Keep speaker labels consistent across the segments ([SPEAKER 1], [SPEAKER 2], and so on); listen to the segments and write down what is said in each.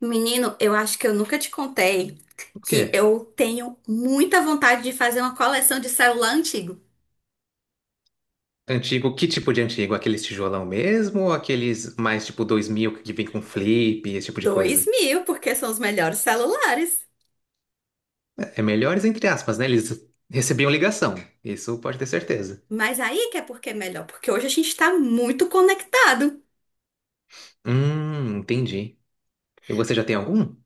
[SPEAKER 1] Menino, eu acho que eu nunca te contei
[SPEAKER 2] O
[SPEAKER 1] que
[SPEAKER 2] quê?
[SPEAKER 1] eu tenho muita vontade de fazer uma coleção de celular antigo.
[SPEAKER 2] Antigo, que tipo de antigo? Aqueles tijolão mesmo ou aqueles mais tipo 2000 que vem com flip, esse tipo de
[SPEAKER 1] Dois
[SPEAKER 2] coisa?
[SPEAKER 1] mil, porque são os melhores celulares.
[SPEAKER 2] É melhores entre aspas, né? Eles recebiam ligação, isso pode ter certeza.
[SPEAKER 1] Mas aí que é porque é melhor, porque hoje a gente tá muito conectado.
[SPEAKER 2] Entendi. E você já tem algum?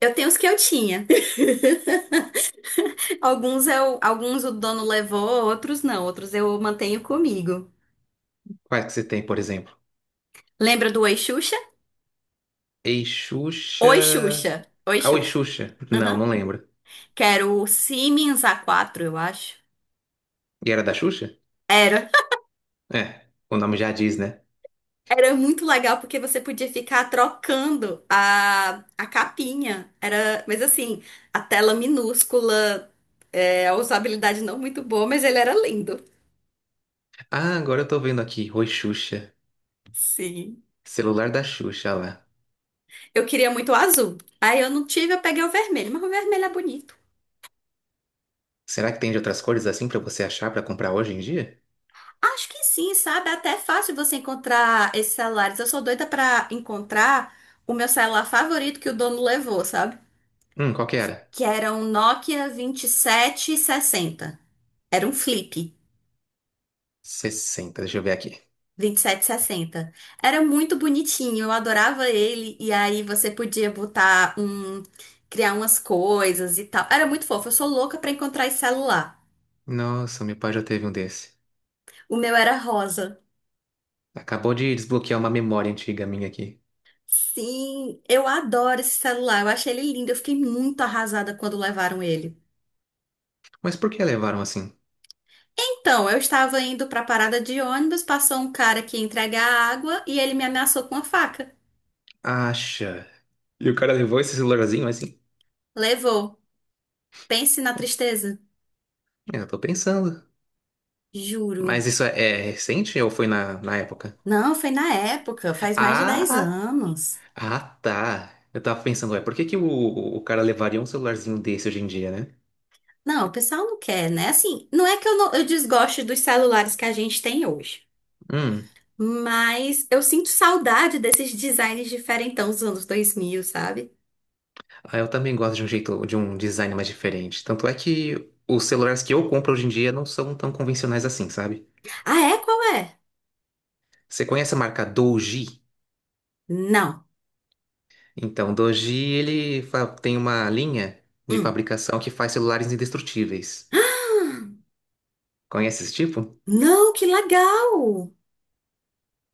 [SPEAKER 1] Eu tenho os que eu tinha. Alguns o dono levou, outros não, outros eu mantenho comigo.
[SPEAKER 2] Quais que você tem, por exemplo?
[SPEAKER 1] Lembra do Oi Xuxa?
[SPEAKER 2] Ei, Xuxa...
[SPEAKER 1] Oi Xuxa. Oi
[SPEAKER 2] Ah, Oi,
[SPEAKER 1] Xuxa.
[SPEAKER 2] Xuxa. Não,
[SPEAKER 1] Aham.
[SPEAKER 2] não lembro.
[SPEAKER 1] Que era o Siemens A4, eu acho.
[SPEAKER 2] E era da Xuxa?
[SPEAKER 1] Era.
[SPEAKER 2] É, o nome já diz, né?
[SPEAKER 1] Era muito legal porque você podia ficar trocando a capinha. Era, mas assim, a tela minúscula, a usabilidade não muito boa, mas ele era lindo.
[SPEAKER 2] Ah, agora eu tô vendo aqui. Oi, Xuxa.
[SPEAKER 1] Sim.
[SPEAKER 2] Celular da Xuxa, olha lá.
[SPEAKER 1] Eu queria muito o azul. Aí eu não tive, eu peguei o vermelho, mas o vermelho é bonito.
[SPEAKER 2] Será que tem de outras cores assim pra você achar pra comprar hoje em dia?
[SPEAKER 1] Acho que sim, sabe? Até é fácil você encontrar esses celulares. Eu sou doida pra encontrar o meu celular favorito que o dono levou, sabe?
[SPEAKER 2] Qual que era?
[SPEAKER 1] Que era um Nokia 2760. Era um flip.
[SPEAKER 2] 60, deixa eu ver aqui.
[SPEAKER 1] 2760. Era muito bonitinho, eu adorava ele. E aí você podia criar umas coisas e tal. Era muito fofo, eu sou louca pra encontrar esse celular.
[SPEAKER 2] Nossa, meu pai já teve um desse.
[SPEAKER 1] O meu era rosa.
[SPEAKER 2] Acabou de desbloquear uma memória antiga minha aqui.
[SPEAKER 1] Sim, eu adoro esse celular, eu achei ele lindo, eu fiquei muito arrasada quando levaram ele.
[SPEAKER 2] Mas por que levaram assim?
[SPEAKER 1] Então, eu estava indo pra parada de ônibus, passou um cara que ia entregar água e ele me ameaçou com uma faca.
[SPEAKER 2] Acha. E o cara levou esse celularzinho assim?
[SPEAKER 1] Levou. Pense na tristeza.
[SPEAKER 2] Eu tô pensando.
[SPEAKER 1] Juro.
[SPEAKER 2] Mas isso é recente ou foi na época?
[SPEAKER 1] Não, foi na época, faz mais de 10
[SPEAKER 2] Ah,
[SPEAKER 1] anos.
[SPEAKER 2] ah, tá. Eu tava pensando, ué, por que que o cara levaria um celularzinho desse hoje em dia, né?
[SPEAKER 1] Não, o pessoal não quer, né? Assim, não é que eu, não- eu desgoste dos celulares que a gente tem hoje,
[SPEAKER 2] Hum,
[SPEAKER 1] mas eu sinto saudade desses designs diferentão dos anos 2000, sabe?
[SPEAKER 2] ah, eu também gosto de um jeito, de um design mais diferente. Tanto é que os celulares que eu compro hoje em dia não são tão convencionais assim, sabe?
[SPEAKER 1] Ah, é? Qual é?
[SPEAKER 2] Você conhece a marca Doji?
[SPEAKER 1] Não.
[SPEAKER 2] Então, Doji, ele tem uma linha de
[SPEAKER 1] Hum.
[SPEAKER 2] fabricação que faz celulares indestrutíveis. Conhece esse tipo?
[SPEAKER 1] Não, que legal!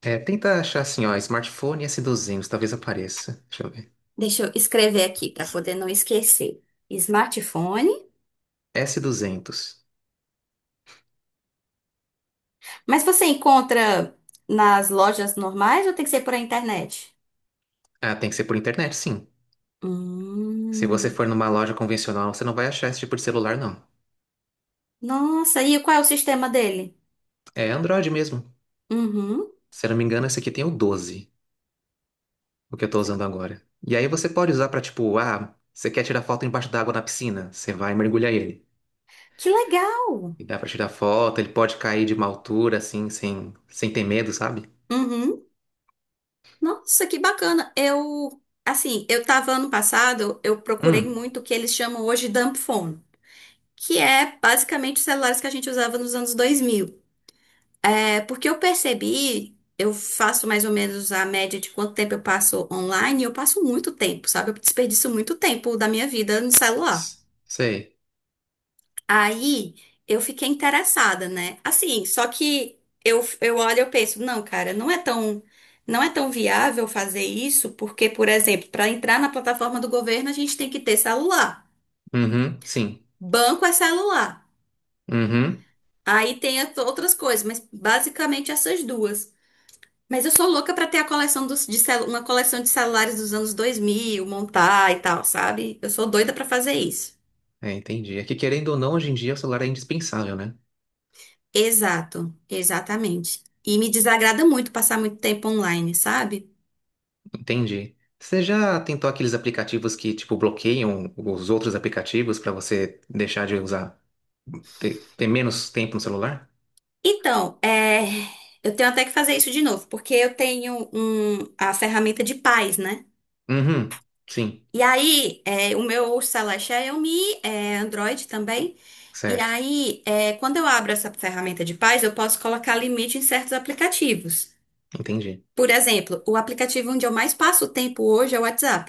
[SPEAKER 2] É, tenta achar assim, ó, smartphone S200, talvez apareça. Deixa eu ver.
[SPEAKER 1] Deixa eu escrever aqui para poder não esquecer. Smartphone.
[SPEAKER 2] S200.
[SPEAKER 1] Mas você encontra nas lojas normais ou tem que ser por a internet?
[SPEAKER 2] Ah, tem que ser por internet, sim. Se você
[SPEAKER 1] Hum.
[SPEAKER 2] for numa loja convencional, você não vai achar esse tipo de celular, não.
[SPEAKER 1] Nossa, e qual é o sistema dele?
[SPEAKER 2] É Android mesmo.
[SPEAKER 1] Uhum.
[SPEAKER 2] Se eu não me engano, esse aqui tem o 12, o que eu tô usando agora. E aí você pode usar pra, tipo, ah, você quer tirar foto embaixo d'água na piscina? Você vai mergulhar ele.
[SPEAKER 1] Que legal!
[SPEAKER 2] E dá pra tirar foto, ele pode cair de uma altura, assim, sem ter medo, sabe?
[SPEAKER 1] Uhum. Nossa, que bacana. Eu, assim, eu tava ano passado, eu procurei
[SPEAKER 2] Hum,
[SPEAKER 1] muito o que eles chamam hoje de dumb phone, que é basicamente os celulares que a gente usava nos anos 2000. É porque eu percebi, eu faço mais ou menos a média de quanto tempo eu passo online, e eu passo muito tempo, sabe? Eu desperdiço muito tempo da minha vida no celular.
[SPEAKER 2] sei.
[SPEAKER 1] Aí eu fiquei interessada, né? Assim, só que eu olho e eu penso, não, cara, não é tão viável fazer isso, porque, por exemplo, para entrar na plataforma do governo, a gente tem que ter celular.
[SPEAKER 2] Uhum, sim.
[SPEAKER 1] Banco é celular.
[SPEAKER 2] Uhum.
[SPEAKER 1] Aí tem as outras coisas, mas basicamente essas duas. Mas eu sou louca para ter a coleção dos, de celu- uma coleção de celulares dos anos 2000 montar e tal, sabe? Eu sou doida para fazer isso.
[SPEAKER 2] É, entendi. É que querendo ou não, hoje em dia o celular é indispensável, né?
[SPEAKER 1] Exato, exatamente. E me desagrada muito passar muito tempo online, sabe?
[SPEAKER 2] Entendi. Você já tentou aqueles aplicativos que, tipo, bloqueiam os outros aplicativos pra você deixar de usar, ter menos tempo no celular?
[SPEAKER 1] Então, eu tenho até que fazer isso de novo, porque eu tenho a ferramenta de paz, né?
[SPEAKER 2] Uhum, sim.
[SPEAKER 1] E aí, o meu celular é Xiaomi, é Android também. E
[SPEAKER 2] Certo.
[SPEAKER 1] aí, quando eu abro essa ferramenta de paz, eu posso colocar limite em certos aplicativos.
[SPEAKER 2] Entendi.
[SPEAKER 1] Por exemplo, o aplicativo onde eu mais passo tempo hoje é o WhatsApp.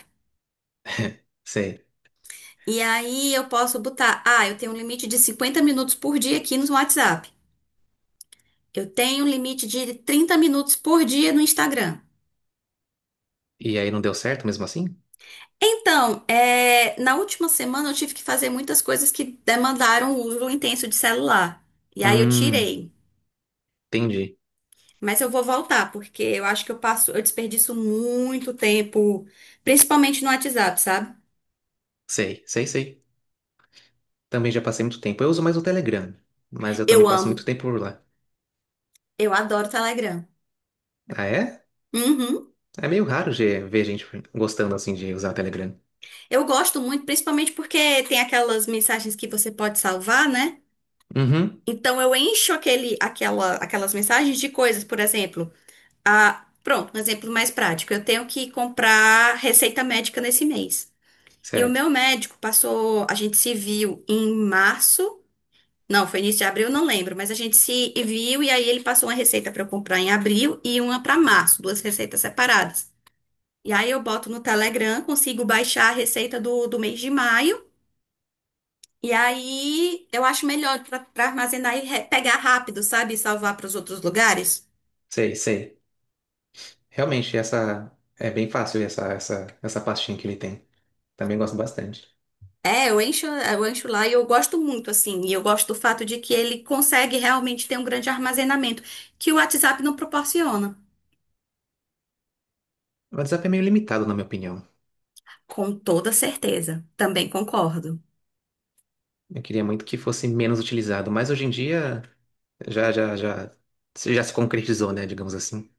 [SPEAKER 2] Sei.
[SPEAKER 1] E aí eu posso botar, ah, eu tenho um limite de 50 minutos por dia aqui no WhatsApp. Eu tenho um limite de 30 minutos por dia no Instagram.
[SPEAKER 2] E aí não deu certo mesmo assim?
[SPEAKER 1] Então, na última semana eu tive que fazer muitas coisas que demandaram o uso intenso de celular. E aí eu
[SPEAKER 2] Hum,
[SPEAKER 1] tirei.
[SPEAKER 2] entendi.
[SPEAKER 1] Mas eu vou voltar, porque eu acho que eu desperdiço muito tempo, principalmente no WhatsApp, sabe?
[SPEAKER 2] Sei, sei, sei. Também já passei muito tempo. Eu uso mais o Telegram, mas eu
[SPEAKER 1] Eu
[SPEAKER 2] também passo muito
[SPEAKER 1] amo,
[SPEAKER 2] tempo por lá.
[SPEAKER 1] eu adoro Telegram.
[SPEAKER 2] Ah, é?
[SPEAKER 1] Uhum.
[SPEAKER 2] É meio raro ver gente gostando assim de usar o Telegram.
[SPEAKER 1] Eu gosto muito, principalmente porque tem aquelas mensagens que você pode salvar, né?
[SPEAKER 2] Uhum,
[SPEAKER 1] Então eu encho aquelas mensagens de coisas, por exemplo. Ah, pronto, um exemplo mais prático. Eu tenho que comprar receita médica nesse mês. E o
[SPEAKER 2] certo.
[SPEAKER 1] meu médico passou, a gente se viu em março, não, foi início de abril, não lembro, mas a gente se viu e aí ele passou uma receita para eu comprar em abril e uma para março, duas receitas separadas. E aí eu boto no Telegram, consigo baixar a receita do mês de maio. E aí eu acho melhor para armazenar e pegar rápido, sabe? E salvar para os outros lugares.
[SPEAKER 2] Sei, sei. Realmente, essa é bem fácil essa pastinha que ele tem. Também gosto bastante.
[SPEAKER 1] É, eu encho lá e eu gosto muito, assim. E eu gosto do fato de que ele consegue realmente ter um grande armazenamento, que o WhatsApp não proporciona.
[SPEAKER 2] O WhatsApp é meio limitado, na minha opinião.
[SPEAKER 1] Com toda certeza. Também concordo.
[SPEAKER 2] Eu queria muito que fosse menos utilizado, mas hoje em dia já, já, já, já se concretizou, né? Digamos assim.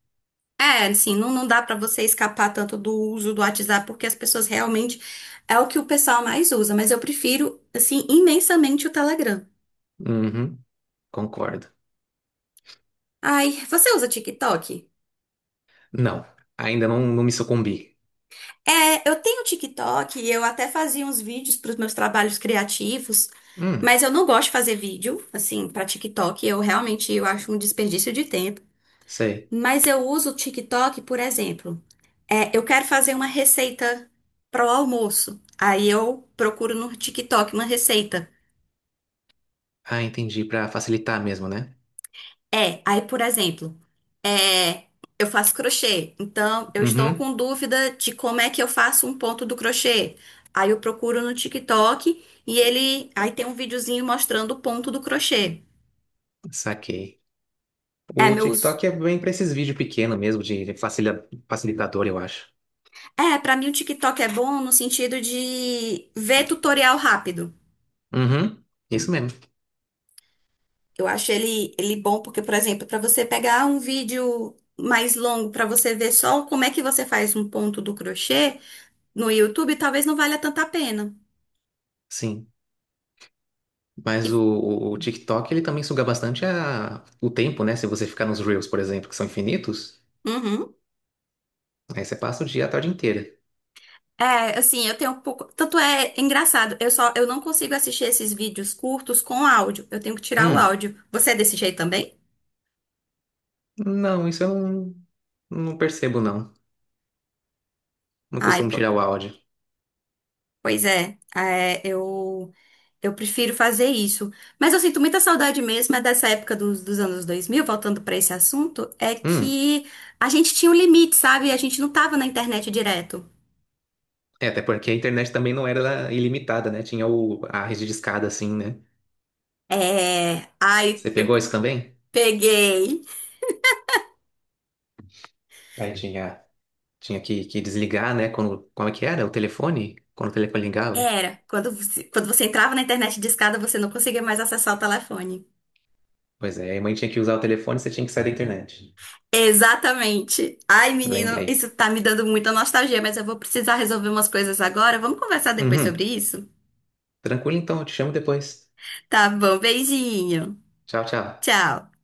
[SPEAKER 1] É, assim, não, não dá pra você escapar tanto do uso do WhatsApp, porque as pessoas realmente é o que o pessoal mais usa, mas eu prefiro, assim, imensamente o Telegram.
[SPEAKER 2] Uhum, concordo.
[SPEAKER 1] Ai, você usa TikTok?
[SPEAKER 2] Não, ainda não, não me sucumbi.
[SPEAKER 1] É, eu tenho um TikTok e eu até fazia uns vídeos para os meus trabalhos criativos,
[SPEAKER 2] Hum,
[SPEAKER 1] mas eu não gosto de fazer vídeo, assim, para TikTok. Eu acho um desperdício de tempo.
[SPEAKER 2] sei.
[SPEAKER 1] Mas eu uso o TikTok, por exemplo. É, eu quero fazer uma receita para o almoço. Aí eu procuro no TikTok uma receita.
[SPEAKER 2] Ah, entendi, pra facilitar mesmo, né?
[SPEAKER 1] É, aí, por exemplo, é, eu faço crochê, então eu estou
[SPEAKER 2] Uhum,
[SPEAKER 1] com dúvida de como é que eu faço um ponto do crochê. Aí eu procuro no TikTok e ele, aí tem um videozinho mostrando o ponto do crochê.
[SPEAKER 2] saquei.
[SPEAKER 1] É
[SPEAKER 2] O
[SPEAKER 1] meu uso.
[SPEAKER 2] TikTok é bem pra esses vídeos pequenos mesmo, de facilitador, eu acho.
[SPEAKER 1] É, pra mim o TikTok é bom no sentido de ver tutorial rápido.
[SPEAKER 2] Uhum, isso mesmo,
[SPEAKER 1] Eu acho ele bom porque, por exemplo, pra você pegar um vídeo mais longo pra você ver só como é que você faz um ponto do crochê no YouTube, talvez não valha tanta a pena.
[SPEAKER 2] sim. Mas o,
[SPEAKER 1] E-
[SPEAKER 2] o- o TikTok, ele também suga bastante o tempo, né? Se você ficar nos Reels, por exemplo, que são infinitos,
[SPEAKER 1] Uhum.
[SPEAKER 2] aí você passa o dia, a tarde inteira.
[SPEAKER 1] É, assim, eu tenho um pouco. Tanto é engraçado, eu não consigo assistir esses vídeos curtos com áudio. Eu tenho que tirar o
[SPEAKER 2] Hum,
[SPEAKER 1] áudio. Você é desse jeito também?
[SPEAKER 2] não, isso eu não, não percebo, não. Não
[SPEAKER 1] Ai,
[SPEAKER 2] costumo tirar o áudio.
[SPEAKER 1] pois é. É, eu prefiro fazer isso. Mas eu sinto muita saudade mesmo é dessa época dos anos 2000. Voltando para esse assunto, é
[SPEAKER 2] Hum,
[SPEAKER 1] que a gente tinha um limite, sabe? A gente não tava na internet direto.
[SPEAKER 2] é, até porque a internet também não era ilimitada, né? Tinha o, a rede de escada, assim, né?
[SPEAKER 1] É, ai,
[SPEAKER 2] Você pegou
[SPEAKER 1] eu
[SPEAKER 2] isso também?
[SPEAKER 1] peguei.
[SPEAKER 2] Aí tinha que desligar, né? Quando, como é que era? O telefone? Quando o telefone ligava?
[SPEAKER 1] Era, quando você entrava na internet discada, você não conseguia mais acessar o telefone.
[SPEAKER 2] Pois é, aí a mãe tinha que usar o telefone, você tinha que sair da internet.
[SPEAKER 1] Exatamente. Ai, menino, isso
[SPEAKER 2] Lembrei.
[SPEAKER 1] tá me dando muita nostalgia, mas eu vou precisar resolver umas coisas agora. Vamos conversar depois
[SPEAKER 2] Uhum.
[SPEAKER 1] sobre isso?
[SPEAKER 2] Tranquilo então, eu te chamo depois.
[SPEAKER 1] Tá bom, beijinho.
[SPEAKER 2] Tchau, tchau.
[SPEAKER 1] Tchau.